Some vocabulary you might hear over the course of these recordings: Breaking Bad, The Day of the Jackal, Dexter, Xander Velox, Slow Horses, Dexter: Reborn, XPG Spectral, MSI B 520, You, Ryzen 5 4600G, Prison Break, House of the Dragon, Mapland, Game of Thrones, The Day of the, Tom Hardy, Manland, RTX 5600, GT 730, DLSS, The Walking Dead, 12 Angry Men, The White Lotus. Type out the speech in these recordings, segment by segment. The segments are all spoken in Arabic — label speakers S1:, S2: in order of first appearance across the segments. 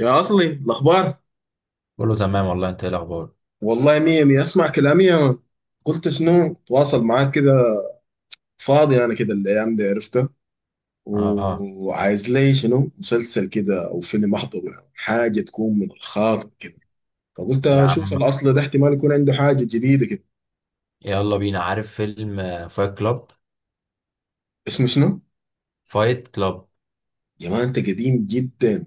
S1: يا أصلي الأخبار
S2: كله تمام والله، انت ايه الاخبار؟
S1: والله مية مية. أسمع كلامي يا مان، قلت شنو؟ تواصل معاك كده. فاضي أنا كده الأيام دي، عرفتها،
S2: اه، آه.
S1: وعايز لي شنو، مسلسل كده أو فيلم أحضره، يعني حاجة تكون من الخاطر كده. فقلت
S2: يا
S1: أشوف
S2: عم،
S1: الأصل ده، احتمال يكون عنده حاجة جديدة كده.
S2: يلا بينا. عارف فيلم فايت كلاب؟
S1: اسمه شنو؟
S2: فايت كلاب.
S1: يا مان أنت قديم جدا.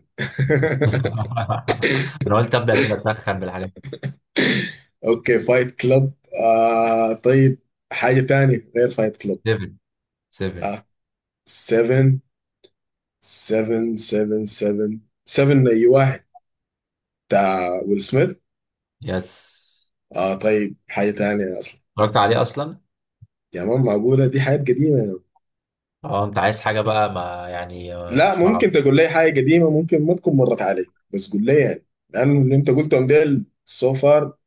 S2: انا قلت ابدا كده اسخن بالحاجات دي.
S1: أوكي، فايت كلاب. آه طيب، حاجة تانية غير فايت كلاب.
S2: 7 7
S1: آه، 7، سفن سفن سفن سفن اي واحد، بتاع ويل سميث.
S2: يس.
S1: اه طيب، حاجه تانية اصلا.
S2: اتفرجت عليه اصلا.
S1: يا مان، معقوله؟ دي حاجات قديمه يا مان.
S2: اه، انت عايز حاجه بقى، ما يعني
S1: لا،
S2: مش
S1: ممكن
S2: معروف.
S1: تقول لي حاجه قديمه ممكن ما تكون مرت علي، بس قول لي، يعني، لانه اللي انت قلتهم ديل سو فار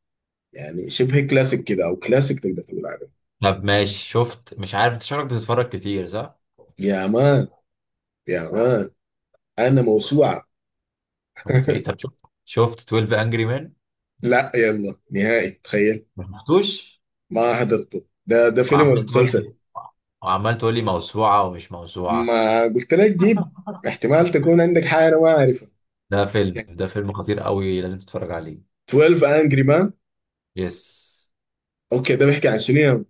S1: يعني شبه كلاسيك كده او كلاسيك تقدر تقول عليه.
S2: طب ماشي. شفت، مش عارف، انت شكلك بتتفرج كتير، صح؟
S1: يا مان، يا مان، انا موسوعه.
S2: اوكي طب، شفت 12 انجري مان؟
S1: لا، يلا، نهائي، تخيل،
S2: ما شفتوش؟
S1: ما حضرته. ده فيلم ولا
S2: وعمال تقول
S1: مسلسل؟
S2: لي وعمال تقول لي موسوعه ومش موسوعه.
S1: ما قلت لك جيب، احتمال تكون عندك حاجه انا ما اعرفها.
S2: ده فيلم خطير قوي، لازم تتفرج عليه.
S1: 12 انجري مان.
S2: يس.
S1: اوكي، ده بيحكي عن شنو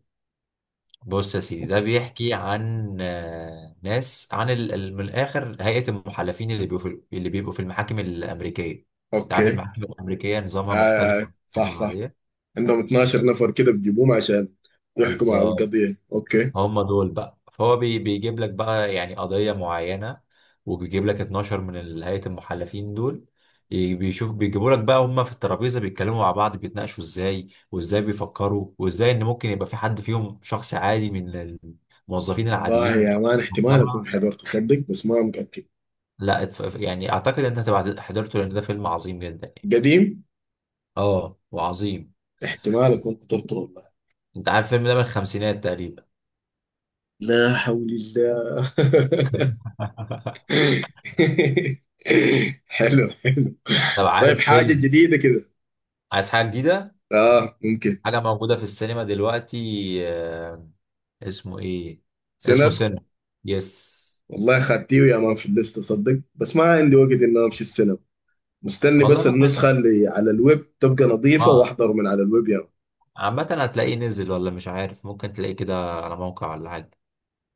S2: بص يا سيدي، ده بيحكي عن ناس، عن من الاخر هيئة المحلفين اللي اللي بيبقوا في المحاكم الأمريكية. انت عارف
S1: اوكي.
S2: المحاكم الأمريكية نظامها مختلف
S1: آه،
S2: عن
S1: صح
S2: المحاكم
S1: صح.
S2: العادية.
S1: عندهم 12 نفر كده بيجيبوهم عشان يحكموا على
S2: بالظبط.
S1: القضية. اوكي.
S2: هم دول بقى، فهو بيجيب لك بقى يعني قضية معينة. وبيجيب لك 12 هيئة المحلفين دول. بيشوف بيجيبوا لك بقى، هم في الترابيزة بيتكلموا مع بعض، بيتناقشوا ازاي، وازاي بيفكروا، وازاي ان ممكن يبقى في حد فيهم شخص عادي من الموظفين
S1: والله
S2: العاديين
S1: يا
S2: بتوع
S1: مان احتمال اكون
S2: المجتمع.
S1: حضرته صدق، بس ما متأكد.
S2: لا، يعني اعتقد ان انت هتبقى حضرته، لان ده فيلم عظيم جدا يعني.
S1: قديم.
S2: اه، وعظيم.
S1: احتمال اكون حضرته والله.
S2: انت عارف الفيلم ده من الخمسينات تقريبا.
S1: لا حول الله. حلو، حلو.
S2: طب،
S1: طيب،
S2: عارف
S1: حاجة
S2: فيلم؟
S1: جديدة كده.
S2: عايز حاجة جديدة؟
S1: اه، ممكن.
S2: حاجة موجودة في السينما دلوقتي، اسمه ايه؟ اسمه
S1: سينرز.
S2: سن. يس.
S1: والله خدتيه يا مان في الليستة صدق، بس ما عندي وقت اني امشي السينما. مستني
S2: والله
S1: بس
S2: ممكن.
S1: النسخة اللي على الويب تبقى نظيفة
S2: اه.
S1: واحضر من على الويب يعني.
S2: عامة، هتلاقيه نزل ولا مش عارف، ممكن تلاقيه كده على موقع ولا حاجة.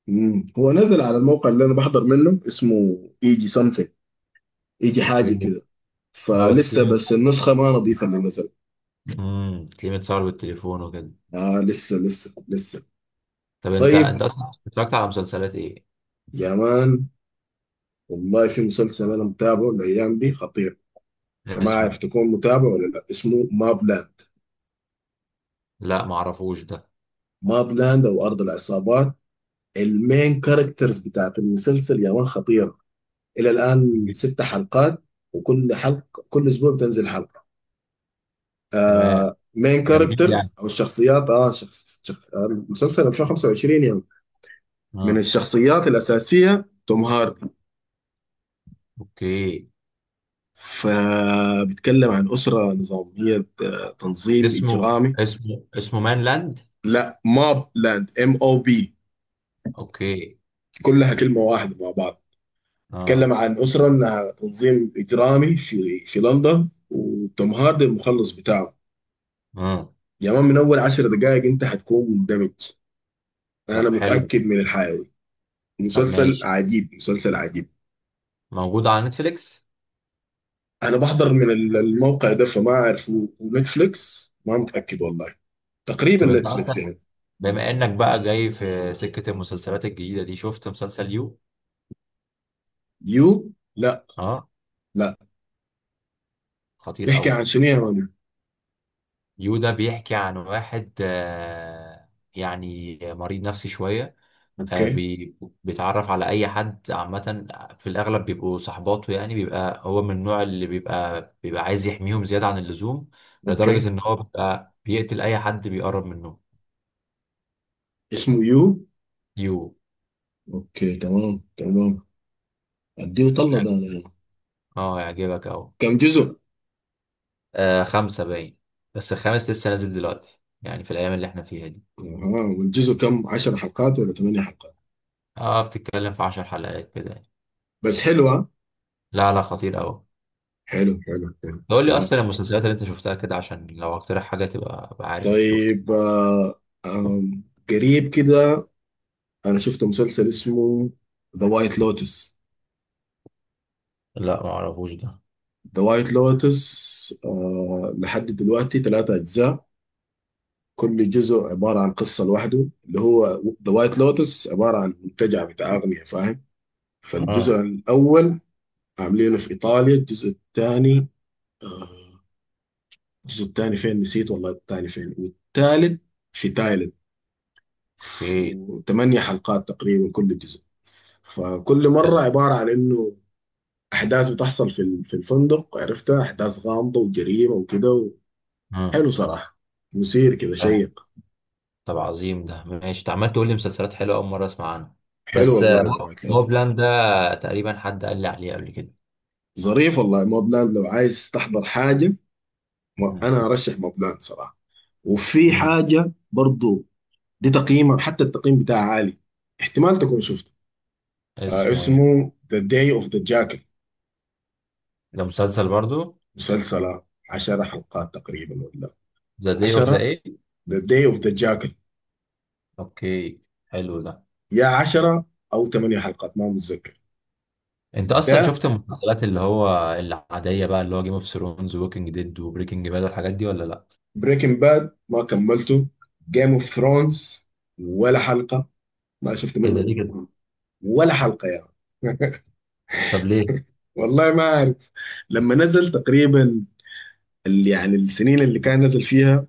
S1: هو نزل على الموقع اللي انا بحضر منه، اسمه ايجي سمثينج، ايجي حاجة
S2: اوكي.
S1: كده.
S2: اه بس
S1: فلسه، بس
S2: تلاقيه،
S1: النسخة ما نظيفة اللي نزل.
S2: تلاقيه متصور بالتليفون وكده.
S1: آه، لسه لسه لسه.
S2: طب، انت
S1: طيب،
S2: انت اصلا اتفرجت على مسلسلات ايه؟
S1: يا مان، والله في مسلسل انا متابعه الايام دي خطير، فما عارف
S2: اسمه؟
S1: تكون متابع ولا لا. اسمه ماب لاند.
S2: لا، معرفوش ده.
S1: ماب لاند او ارض العصابات. المين كاركترز بتاعت المسلسل يا مان خطيرة. الى الان ست حلقات، وكل حلقه كل اسبوع بتنزل حلقه.
S2: تمام.
S1: آه، مين
S2: ده جديد يعني؟
S1: كاركترز او الشخصيات، اه شخص شخ... آه، المسلسل 2025 يعني. من
S2: اه.
S1: الشخصيات الاساسيه توم هاردي.
S2: اوكي.
S1: فبيتكلم عن اسره نظاميه، تنظيم
S2: اسمه
S1: اجرامي.
S2: اسمه اسمه مان لاند؟
S1: لا، ماب لاند، ام او بي،
S2: اوكي.
S1: كلها كلمه واحده مع بعض.
S2: اه.
S1: بيتكلم عن اسره انها تنظيم اجرامي في لندن، وتوم هاردي المخلص بتاعه.
S2: اه.
S1: يا مان، من اول 10 دقائق انت حتكون مندمج،
S2: طب
S1: انا
S2: حلو.
S1: متاكد من الحيوي.
S2: طب
S1: مسلسل
S2: ماشي.
S1: عجيب، مسلسل عجيب.
S2: موجود على نتفليكس؟
S1: انا بحضر من الموقع ده، فما اعرف، ونتفليكس ما متاكد والله. تقريبا
S2: طب انت
S1: نتفليكس
S2: اصلا،
S1: يعني.
S2: بما انك بقى جاي في سكة المسلسلات الجديدة دي، شفت مسلسل يو؟
S1: يو؟ لا.
S2: اه.
S1: لا.
S2: خطير
S1: بيحكي
S2: قوي.
S1: عن شنو يا مان؟
S2: يو ده بيحكي عن واحد، يعني مريض نفسي شوية. آه
S1: اوكي.
S2: بي بيتعرف على اي حد عامة. في الاغلب بيبقوا صحباته، يعني بيبقى هو من النوع اللي بيبقى عايز يحميهم زيادة عن اللزوم. لدرجة
S1: اوكي.
S2: ان هو بيبقى بيقتل اي حد بيقرب منه.
S1: اسمه يو.
S2: يو.
S1: اوكي، تمام تمام. اديه طلة ده انا
S2: يعجبك.
S1: يعني.
S2: اه يعجبك اهو.
S1: كم جزء؟
S2: خمسة باين. بس الخامس لسه نازل دلوقتي، يعني في الايام اللي احنا فيها دي.
S1: اها، والجزء كم، 10 حلقات ولا 8 حلقات؟
S2: اه، بتتكلم في 10 حلقات كده يعني.
S1: بس حلو ها.
S2: لا لا، خطير قوي.
S1: حلو حلو حلو،
S2: قول لي
S1: تمام.
S2: اصلا المسلسلات اللي انت شفتها كده، عشان لو اقترح حاجه تبقى ابقى عارف انت شفت.
S1: طيب، آه آم، قريب كده، انا شفت مسلسل اسمه ذا وايت لوتس.
S2: لا ما اعرفوش ده.
S1: ذا وايت لوتس، لحد دلوقتي ثلاثة اجزاء. كل جزء عبارة عن قصة لوحده. اللي هو ذا وايت لوتس عبارة عن منتجع بتاع اغنية، فاهم؟ فالجزء
S2: اه.
S1: الاول عاملينه في ايطاليا. الجزء الثاني، آه، فين نسيت والله، الثاني فين، والثالث في تايلاند.
S2: ايه.
S1: وثمانية حلقات تقريبا كل جزء. فكل مرة
S2: حلو.
S1: عبارة عن انه احداث بتحصل في الفندق، عرفتها، احداث غامضه وجريمه وكده
S2: اه،
S1: حلو صراحه. مثير كده،
S2: آه.
S1: شيق.
S2: طب عظيم، ده ماشي. انت عمال تقول لي مسلسلات حلوه اول مره اسمع عنها.
S1: حلو
S2: بس
S1: والله ذا وايت
S2: مو
S1: لوتس.
S2: بلان ده تقريبا حد قال لي عليه قبل كده.
S1: ظريف والله موبلاند، لو عايز تحضر حاجه،
S2: مم.
S1: انا ارشح موبلاند صراحه. وفي
S2: مم.
S1: حاجه برضو، دي تقييمه، حتى التقييم بتاعها عالي، احتمال تكون شفته. آه،
S2: اسمه ايه؟
S1: اسمه ذا داي اوف ذا جاكل.
S2: ده مسلسل برضو؟
S1: مسلسل، 10 حلقات تقريبا ولا
S2: ذا داي اوف ذا
S1: 10،
S2: ايه؟
S1: ذا داي اوف ذا جاكل،
S2: اوكي. حلو ده.
S1: يا 10 او 8 حلقات، ما متذكر
S2: انت اصلا
S1: ده.
S2: شفت المسلسلات اللي هو العاديه بقى، اللي هو جيم اوف ثرونز ووكينج ديد وبريكنج باد والحاجات دي، ولا لا؟
S1: بريكنج باد ما كملته. جيم اوف ثرونز ولا حلقه ما شفت
S2: ايه ده،
S1: منه،
S2: ليه كده؟
S1: ولا حلقه يا يعني.
S2: طب ليه؟
S1: والله ما عارف، لما نزل تقريبا، يعني السنين اللي كان نزل فيها،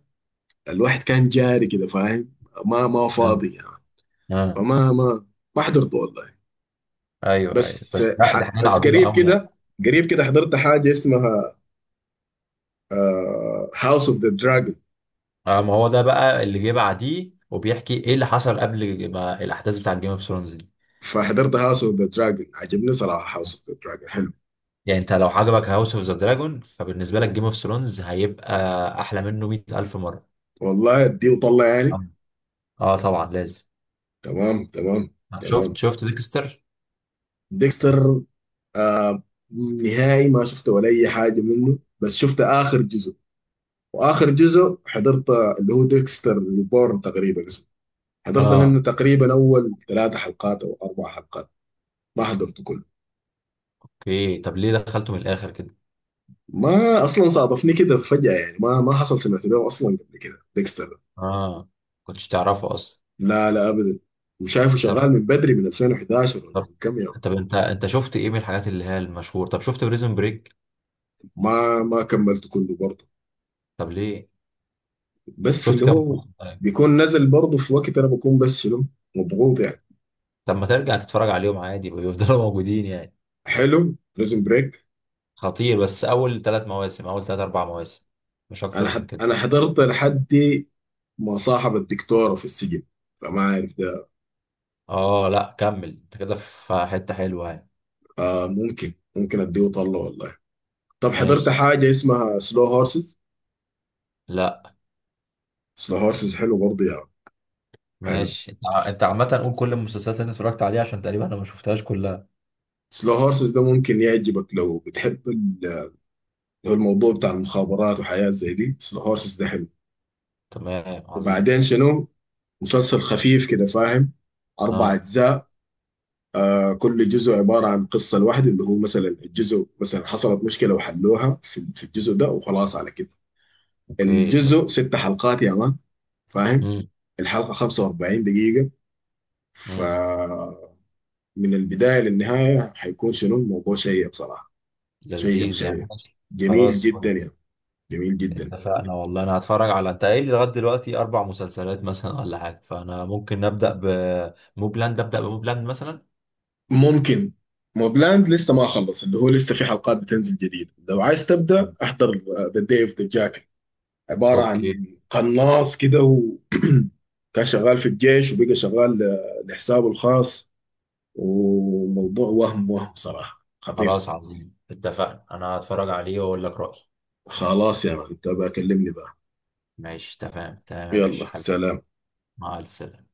S1: الواحد كان جاري كده فاهم، ما
S2: اه.
S1: فاضي يعني،
S2: اه.
S1: فما ما ما حضرته والله.
S2: ايوه ايوه،
S1: بس
S2: بس لا، دي
S1: ح
S2: حاجات
S1: بس
S2: عظيمه
S1: قريب
S2: قوي يعني.
S1: كده، قريب كده حضرت حاجه اسمها هاوس اوف ذا دراجون.
S2: اه، ما هو ده بقى اللي جه بعديه، وبيحكي ايه اللي حصل قبل ما الاحداث بتاعت جيم اوف ثرونز دي.
S1: فحضرت هاوس اوف ذا دراجون، عجبني صراحه. هاوس اوف ذا دراجون حلو
S2: يعني انت لو عجبك هاوس اوف ذا دراجون، فبالنسبه لك جيم اوف ثرونز هيبقى احلى منه 100000 مره.
S1: والله. اديه وطلع يعني.
S2: اه. اه طبعا لازم.
S1: تمام تمام
S2: شفت
S1: تمام.
S2: شفت ديكستر؟
S1: ديكستر، آه نهائي ما شفت ولا اي حاجه منه، بس شفت اخر جزء، واخر جزء حضرت اللي هو ديكستر ريبورن تقريبا اسمه. حضرت
S2: اه.
S1: منه تقريبا اول ثلاث حلقات او اربع حلقات، ما حضرته كله.
S2: اوكي، طب ليه دخلته من الاخر كده؟
S1: ما اصلا صادفني كده فجاه يعني، ما حصل سمعت به اصلا قبل كده ديكستر ده.
S2: اه. كنتش تعرفه اصلا؟
S1: لا لا ابدا. وشايفه
S2: طب
S1: شغال من بدري، من 2011 ولا
S2: طب
S1: من كم يوم.
S2: طب انت شفت ايه من الحاجات اللي هي المشهور؟ طب شفت بريزون بريك؟
S1: ما كملته كله برضه،
S2: طب ليه؟
S1: بس
S2: شفت
S1: اللي
S2: كام
S1: هو
S2: موسم؟
S1: بيكون نازل برضه في وقت انا بكون، بس شنو، مضغوط يعني.
S2: طب ما ترجع تتفرج عليهم عادي، بيفضلوا موجودين يعني.
S1: حلو بريزون بريك.
S2: خطير، بس اول ثلاث مواسم، اول ثلاث اربع مواسم، مش اكتر من كده.
S1: انا حضرت لحد ما صاحب الدكتوره في السجن، فما عارف ده.
S2: اه لا، كمل انت كده في حتة حلوة يعني.
S1: آه، ممكن، ممكن اديه طله والله. طب حضرت
S2: ماشي.
S1: حاجه اسمها سلو هورسز.
S2: لا.
S1: سلو هورسز حلو برضه يعني. حلو.
S2: ماشي، انت عامة قول كل المسلسلات اللي انت اتفرجت عليها، عشان تقريبا انا ما شفتهاش كلها.
S1: سلو هورسز ده ممكن يعجبك لو بتحب لو الموضوع بتاع المخابرات وحياة زي دي، سلو هورسز ده حلو.
S2: تمام عظيم.
S1: وبعدين شنو، مسلسل خفيف كده فاهم، أربع
S2: اه.
S1: أجزاء. كل جزء عبارة عن قصة لوحده، اللي هو مثلا الجزء، مثلا حصلت مشكلة وحلوها في الجزء ده وخلاص على كده.
S2: اوكي.
S1: الجزء ست حلقات يا مان، فاهم؟ الحلقة 45 دقيقة،
S2: تمام.
S1: فمن البداية للنهاية حيكون شنو الموضوع، شيق صراحة. شيق
S2: لذيذ يعني
S1: شيق،
S2: ماشي.
S1: جميل
S2: خلاص، فل.
S1: جدا يعني، جميل جدا.
S2: اتفقنا والله، انا هتفرج على، انت قايل لي لغايه دلوقتي اربع مسلسلات مثلا ولا حاجه، فانا ممكن نبدا بموبلاند، ابدا بموبلاند مثلا.
S1: ممكن. موبلاند لسه ما خلص، اللي هو لسه في حلقات بتنزل جديد. لو عايز تبدأ احضر ذا داي اوف ذا جاك، عبارة
S2: اوكي.
S1: عن قناص كده، و كان شغال في الجيش، وبقى شغال لحسابه الخاص، وموضوع، وهم صراحة خطير.
S2: خلاص عظيم، اتفقنا، انا هتفرج عليه واقول لك رايي.
S1: خلاص يا مان، انت بكلمني بقى.
S2: ماشي، تمام تمام يا
S1: يلا،
S2: باشا حبيبي.
S1: سلام.
S2: مع الف سلامه.